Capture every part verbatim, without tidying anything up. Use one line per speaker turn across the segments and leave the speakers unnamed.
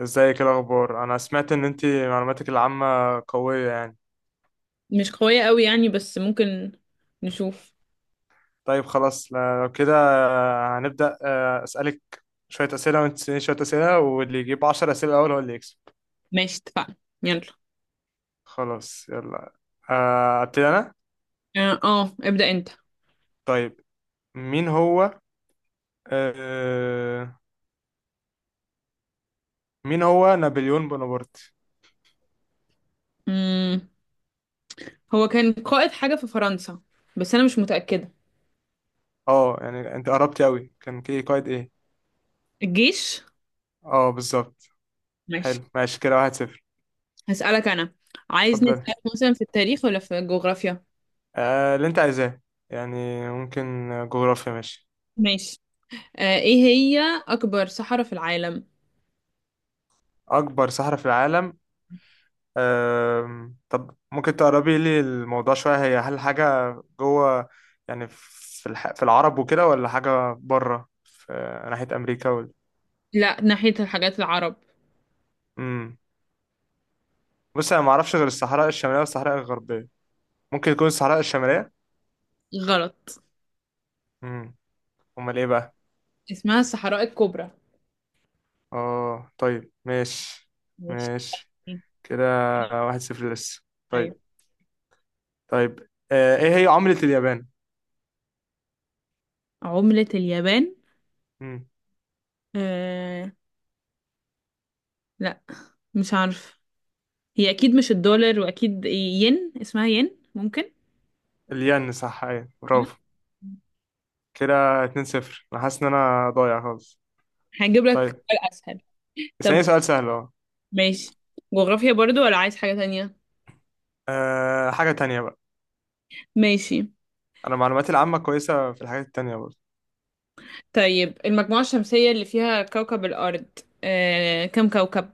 ازيك؟ إيه الاخبار؟ انا سمعت ان انت معلوماتك العامة قوية يعني.
مش قوية قوي يعني بس ممكن نشوف.
طيب، خلاص لو كده، آه، هنبدأ، آه، اسألك شوية اسئلة وانت تسأليني شوية اسئلة، واللي يجيب عشرة اسئلة الاول هو اللي يكسب.
ماشي، اتفقنا. يلا.
خلاص، يلا. آه، ابتدي انا.
اه، آه، ابدأ انت.
طيب، مين هو... آه، مين هو نابليون بونابرت؟
مم. هو كان قائد حاجة في فرنسا، بس انا مش متأكدة.
اه، يعني انت قربتي قوي، كان كي قائد ايه؟
الجيش.
اه، بالظبط.
ماشي.
حلو، ماشي كده، واحد صفر.
هسألك انا. عايز
اتفضلي،
نسألك مثلا في التاريخ ولا في الجغرافيا؟
آه، اللي انت عايزاه يعني. ممكن جغرافيا، ماشي.
ماشي. آه، ايه هي اكبر صحراء في العالم؟
أكبر صحراء في العالم. أم، طب ممكن تقربي لي الموضوع شوية؟ هي هل حاجة جوه يعني في الح... في العرب وكده، ولا حاجة بره في ناحية أمريكا وال...؟
لا، ناحية الحاجات العرب.
مم. بص، أنا معرفش غير الصحراء الشمالية والصحراء الغربية. ممكن تكون الصحراء الشمالية.
غلط،
مم. أمال إيه بقى؟
اسمها الصحراء الكبرى.
أه، طيب ماشي.
ماشي.
ماشي كده، واحد صفر لسه.
ايوه.
طيب، طيب آه، إيه هي عملة اليابان؟
عملة اليابان.
مم.
آه، لا، مش عارفة. هي اكيد مش الدولار، واكيد ين، اسمها ين ممكن.
الين، صح، أيوة برافو. كده اتنين صفر. انا حاسس ان انا ضايع خالص.
هجيب لك
طيب،
سؤال اسهل. طب
اسألني سؤال سهل اهو.
ماشي. جغرافيا برضو ولا عايز حاجة تانية؟
أه، حاجة تانية بقى.
ماشي.
انا معلوماتي العامة كويسة في الحاجات التانية برضه.
طيب المجموعة الشمسية اللي فيها كوكب الارض آه، كم كوكب؟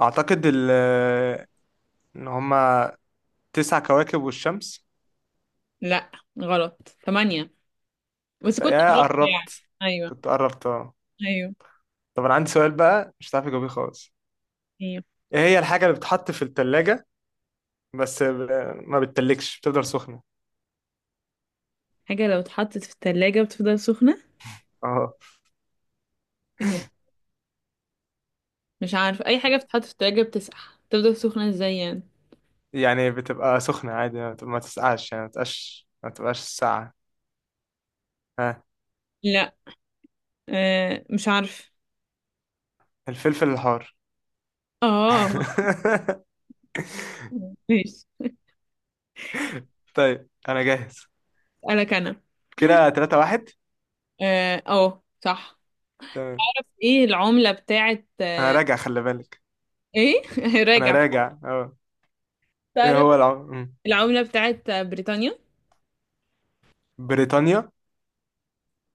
اعتقد ال- آه، ان هما تسع كواكب والشمس.
لا غلط، ثمانية، بس
طيب،
كنت
يا
غلط يعني.
قربت.
ايوه.
كنت قربت اه.
ايوه.
طب، انا عندي سؤال بقى مش هتعرف تجاوبيه خالص.
ايوه.
ايه هي الحاجة اللي بتتحط في التلاجة بس ب- ما بتتلكش، بتفضل سخنة؟
حاجة لو اتحطت في التلاجة بتفضل سخنة؟
اه،
آه، مش عارف، اي حاجة بتتحط في التلاجة بتسقع، تفضل سخنة ازاي يعني؟
يعني بتبقى سخنة عادي، ما بتبقى- ما تسقعش، يعني ما تبقاش ما تبقاش ساقعة. ها؟
لا، آه، مش عارف.
الفلفل الحار.
اه. ماشي.
طيب، انا جاهز.
اسألك انا.
كده تلاتة واحد.
اه أهو، صح.
تمام.
ايه العملة بتاعت؟
انا راجع، خلي بالك،
ايه
انا
راجع؟
راجع اه. ايه
تعرف؟
هو العم... مم.
العملة بتاعت بريطانيا.
بريطانيا.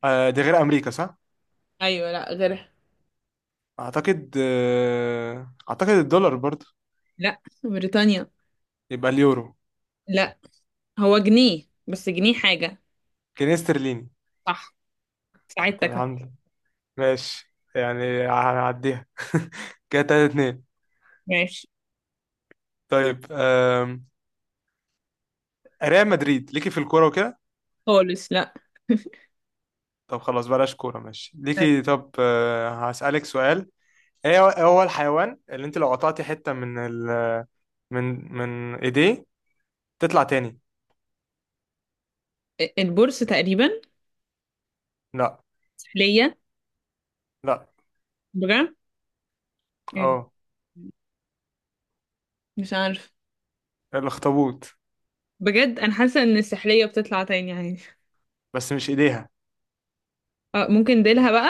آه دي غير امريكا صح؟
ايوه، لا غيرها.
اعتقد آه... اعتقد الدولار برضو.
لا، بريطانيا.
يبقى اليورو.
لا، هو جنيه بس جنيه حاجة.
جنيه استرليني.
صح.
طب،
ساعدتك أهو.
الحمد لله. ماشي، يعني هنعديها. كده تلاتة اتنين.
ماشي.
طيب، آم... ريال مدريد ليكي في الكوره وكده؟
خالص لا.
طب، خلاص بلاش كوره، ماشي ليكي. طب، آه... هسألك سؤال. ايه هو إيه هو الحيوان اللي انت لو قطعتي حتة من ال من من ايديه تطلع تاني؟
البورصة تقريبا.
لا.
سحلية.
لا.
بجد، إيه،
اه،
مش عارف.
الاخطبوط.
بجد انا حاسة ان السحلية بتطلع تاني عادي.
بس مش ايديها.
اه ممكن ديلها بقى.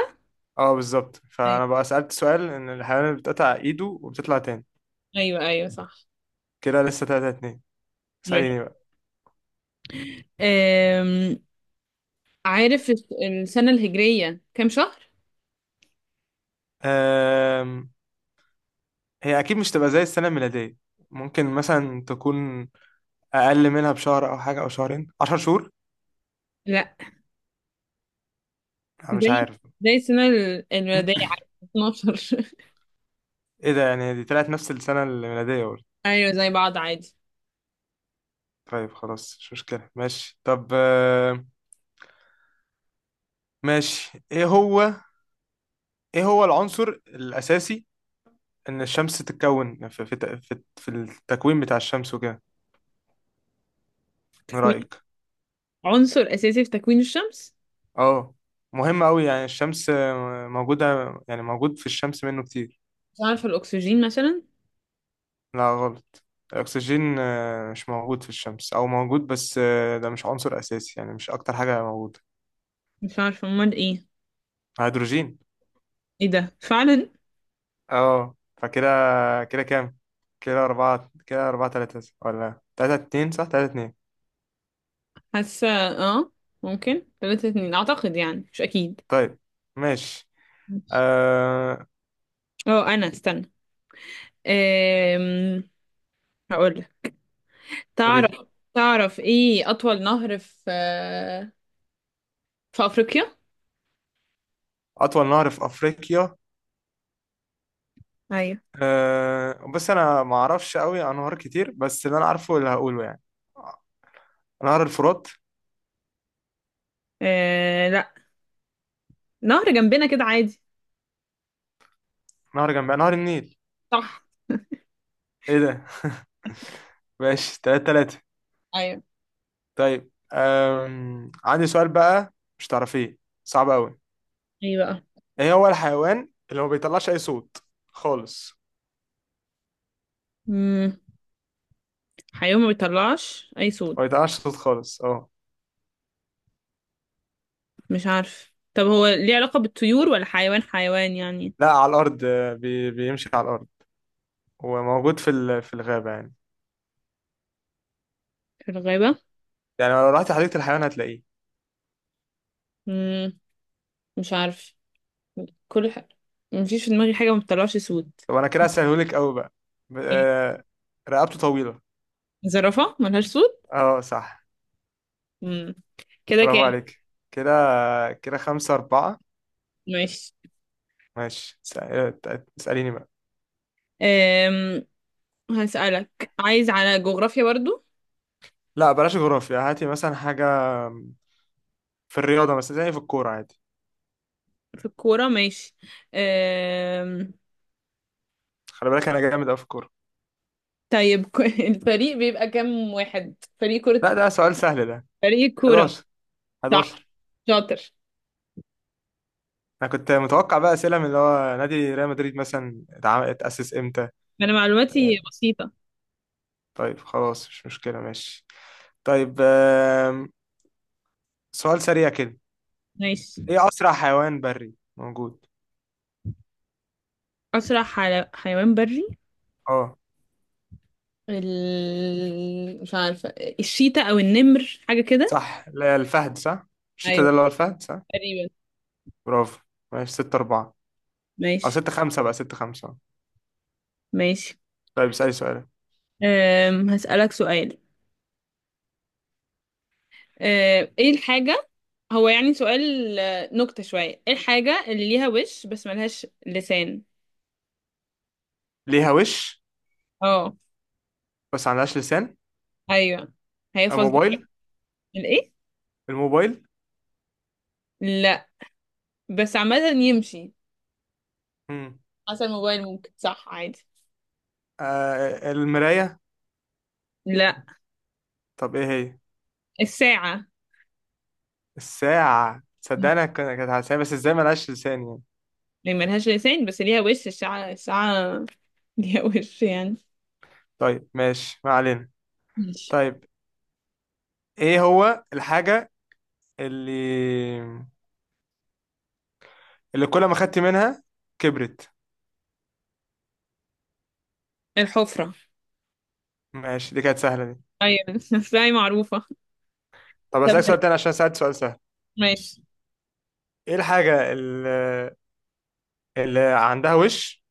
اه، بالظبط،
ايوه.
فانا بقى سألت سؤال ان الحيوان اللي بتقطع ايده وبتطلع تاني.
ايوه، ايوه، صح.
كده لسه تلاتة اتنين.
ماشي.
اسأليني بقى.
عارف الس- السنة الهجرية كام شهر؟
أم... هي اكيد مش تبقى زي السنة الميلادية. ممكن مثلا تكون اقل منها بشهر او حاجة، او شهرين، عشر شهور.
لا.
انا مش
زي
عارف.
زي السنة ال- الميلادية عادي، اثناشر.
ايه ده؟ يعني دي طلعت نفس السنة الميلادية برضه!
أيوة زي بعض عادي.
طيب خلاص، مش مشكلة، ماشي. طب، آم، ماشي. ايه هو ايه هو العنصر الاساسي ان الشمس تتكون في في تق- في, في التكوين بتاع الشمس وكده؟ من
تكوين.
رايك.
عنصر أساسي في تكوين الشمس.
اه، مهم قوي، يعني الشمس آه، موجوده، يعني موجود في الشمس منه كتير.
مش عارفة، الأكسجين مثلا.
لا، غلط. الاكسجين آه، مش موجود في الشمس، او موجود، بس آه، ده مش عنصر اساسي، يعني مش اكتر حاجه موجوده.
مش عارفة أمال إيه؟
هيدروجين.
إيه ده، فعلا.
اه، فكده. كده كام؟ كده أربعة، كده أربعة تلاتة ولا تلاتة اتنين؟ صح، تلاتة اتنين.
حاسة آه. ممكن تلاتة اتنين أعتقد، يعني مش أكيد.
طيب. ماشي. آه...
اه أنا استنى. أم... هقولك. تعرف؟ تعرف إيه أطول نهر في في أفريقيا؟
اطول نهر في افريقيا.
ايوه.
أه، بس انا ما اعرفش قوي عن نهار كتير، بس اللي انا عارفه اللي هقوله يعني نهر الفرات.
آه لا، نهر جنبنا كده عادي.
نهر جنب نهر النيل.
صح.
ايه ده! ماشي تلاتة تلاتة.
ايوه.
طيب، أم... عندي سؤال بقى مش تعرفيه، صعب قوي.
ايه بقى؟
ايه هو الحيوان اللي ما بيطلعش اي صوت خالص؟
مم. حيوان ما بيطلعش اي
ما
صوت.
بيطلعش صوت خالص، اه.
مش عارف، طب هو ليه علاقة بالطيور ولا حيوان حيوان يعني؟
لا، على الارض، آه، بي... بيمشي على الارض وموجود في ال... في الغابة يعني،
في الغابة.
يعني لو رحت حديقة الحيوان هتلاقيه.
مم. مش عارف. كل ح... مفيش في دماغي حاجة ما بتطلعش صوت.
طب انا كده هسهلهولك قوي بقى. ب-
ايه؟
آه، رقبته طويلة.
زرافة ملهاش صوت.
اه، صح.
مم. كده
برافو
كام؟
عليك. كده، كده خمسة أربعة.
ماشي.
ماشي، س- آه، ت- اسأليني بقى.
أم... هسألك. عايز على جغرافيا برضو؟
لا، بلاش جغرافيا، هاتي مثلا حاجة في الرياضة مثلا، زي في الكورة عادي.
في الكورة ماشي. أم.
خلي بالك، أنا جامد أوي في الكورة.
طيب الفريق بيبقى كام واحد، فريق كرة؟
لا، ده سؤال سهل ده.
فريق كورة.
أحد عشر.
صح.
حداشر.
شاطر.
أنا كنت متوقع بقى أسئلة من اللي هو نادي ريال مدريد مثلا اتعم- اتأسس إمتى.
انا
آه،
معلوماتي بسيطة.
طيب خلاص، مش مشكلة، ماشي. طيب، آم، سؤال سريع كده.
ماشي.
إيه أسرع حيوان بري موجود؟
اسرع حل- حيوان بري.
اه،
ال... مش عارفة، الشيتا او النمر حاجة كده.
صح، لا، الفهد، صح. الشتا ده
ايوه،
اللي هو الفهد، صح.
تقريبا.
برافو. ماشي، ستة أربعة. أو
ماشي.
ستة خمسة بقى، ستة خمسة.
ماشي.
طيب، اسألي سؤال.
أم... هسألك سؤال. أم، ايه الحاجة؟ هو يعني سؤال آه، نكتة شوية. ايه الحاجة اللي ليها وش بس ملهاش لسان؟
ليها وش
اه.
بس عندهاش لسان؟
ايوه. هي
آه،
فزة.
موبايل.
الايه؟
الموبايل.
لا. بس عامة يمشي،
مم.
حسب الموبايل ممكن صح عادي.
آه المراية.
لا.
طب إيه هي؟
الساعة.
الساعة. تصدق، أنا كنت كانت على لساني، بس إزاي ملهاش لسان يعني؟
يعني ملهاش لسان بس ليها وش، الساعة الساعة. ليها وش يعني.
طيب ماشي، ما علينا.
ماشي.
طيب، إيه هو الحاجة اللي اللي كل ما خدت منها كبرت؟
الحفرة.
ماشي، دي كانت سهلة دي.
أيوة الساعة معروفة.
طب
طب
أسألك سؤال تاني عشان سألت سؤال سهل.
ماشي.
ايه الحاجة اللي, اللي عندها وش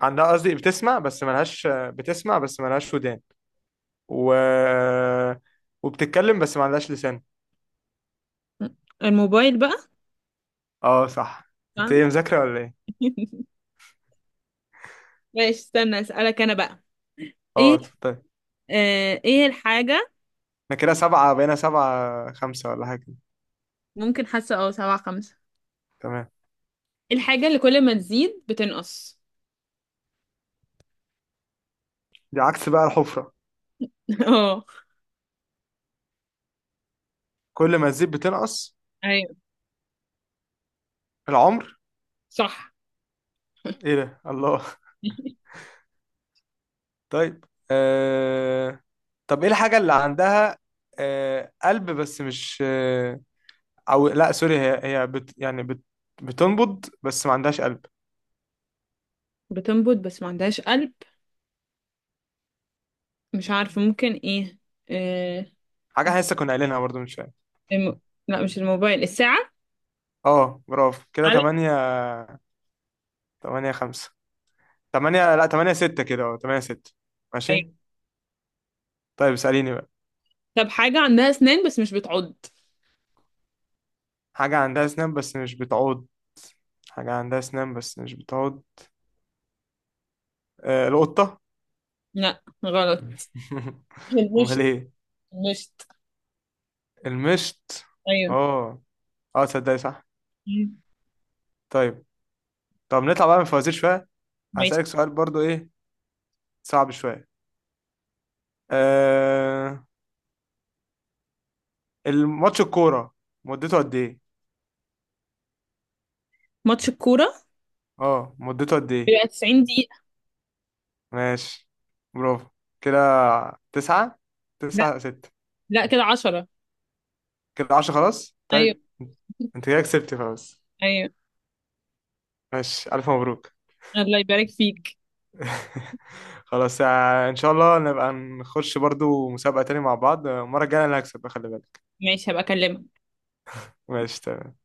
عندها، قصدي، بتسمع بس ملهاش بتسمع بس ملهاش ودان و... وبتتكلم بس ما عندهاش لسان؟
الموبايل بقى.
اه، صح. انت
طبعاً.
ايه، مذاكرة ولا ايه؟
ماشي استنى أسألك أنا بقى.
اه،
إيه؟
اتفضل.
آه إيه الحاجة؟
احنا كده سبعة بقينا، سبعة خمسة ولا حاجة؟
ممكن، حاسة أه سبعة خمسة.
تمام.
إيه الحاجة اللي كل ما تزيد بتنقص؟
دي عكس بقى الحفرة.
اه.
كل ما تزيد بتنقص؟
أيوة.
العمر.
صح.
ايه ده! الله. طيب، آه... طب ايه الحاجة اللي عندها آه... قلب، بس مش، آه... او لا سوري هي هي بت يعني بت بتنبض بس ما عندهاش قلب؟
بتنبض بس ما عندهاش قلب. مش عارفة، ممكن إيه؟ آه.
حاجه احنا لسه كنا قايلينها برضو من شويه.
الم... لا، مش الموبايل، الساعة.
اه، برافو. كده
على.
تمانية، تمانية خمسة، تمانية لا تمانية ستة، كده اه تمانية ستة. ماشي. طيب، اساليني بقى.
طب حاجة عندها أسنان بس مش بتعض.
حاجه عندها اسنان بس مش بتعض. حاجه عندها اسنان بس مش بتعض. آه القطه؟
لا غلط.
امال
المشط.
ايه؟
المشط.
المشط.
أيوه.
اه. اه، تصدقي، صح.
مم.
طيب. طب نطلع بقى من الفوازير شويه.
ماشي.
هسألك سؤال برضو، ايه، صعب شويه. آه الماتش الكوره، مدته قد ايه؟
ماتش الكورة
اه، مدته قد ايه؟
بيبقى 90 دقيقة.
ماشي، برافو. كده تسعة،
لا،
تسعة ستة.
لا كده عشرة.
كده عشرة، خلاص
أيوه.
طيب. انت كده كسبت خلاص.
أيوه.
ماشي، ألف مبروك.
الله يبارك فيك.
خلاص، آه، ان شاء الله نبقى نخش برضو مسابقة تاني مع بعض. آه، المرة الجاية انا اللي هكسب، خلي بالك.
ماشي، هبقى أكلمك.
ماشي تمام.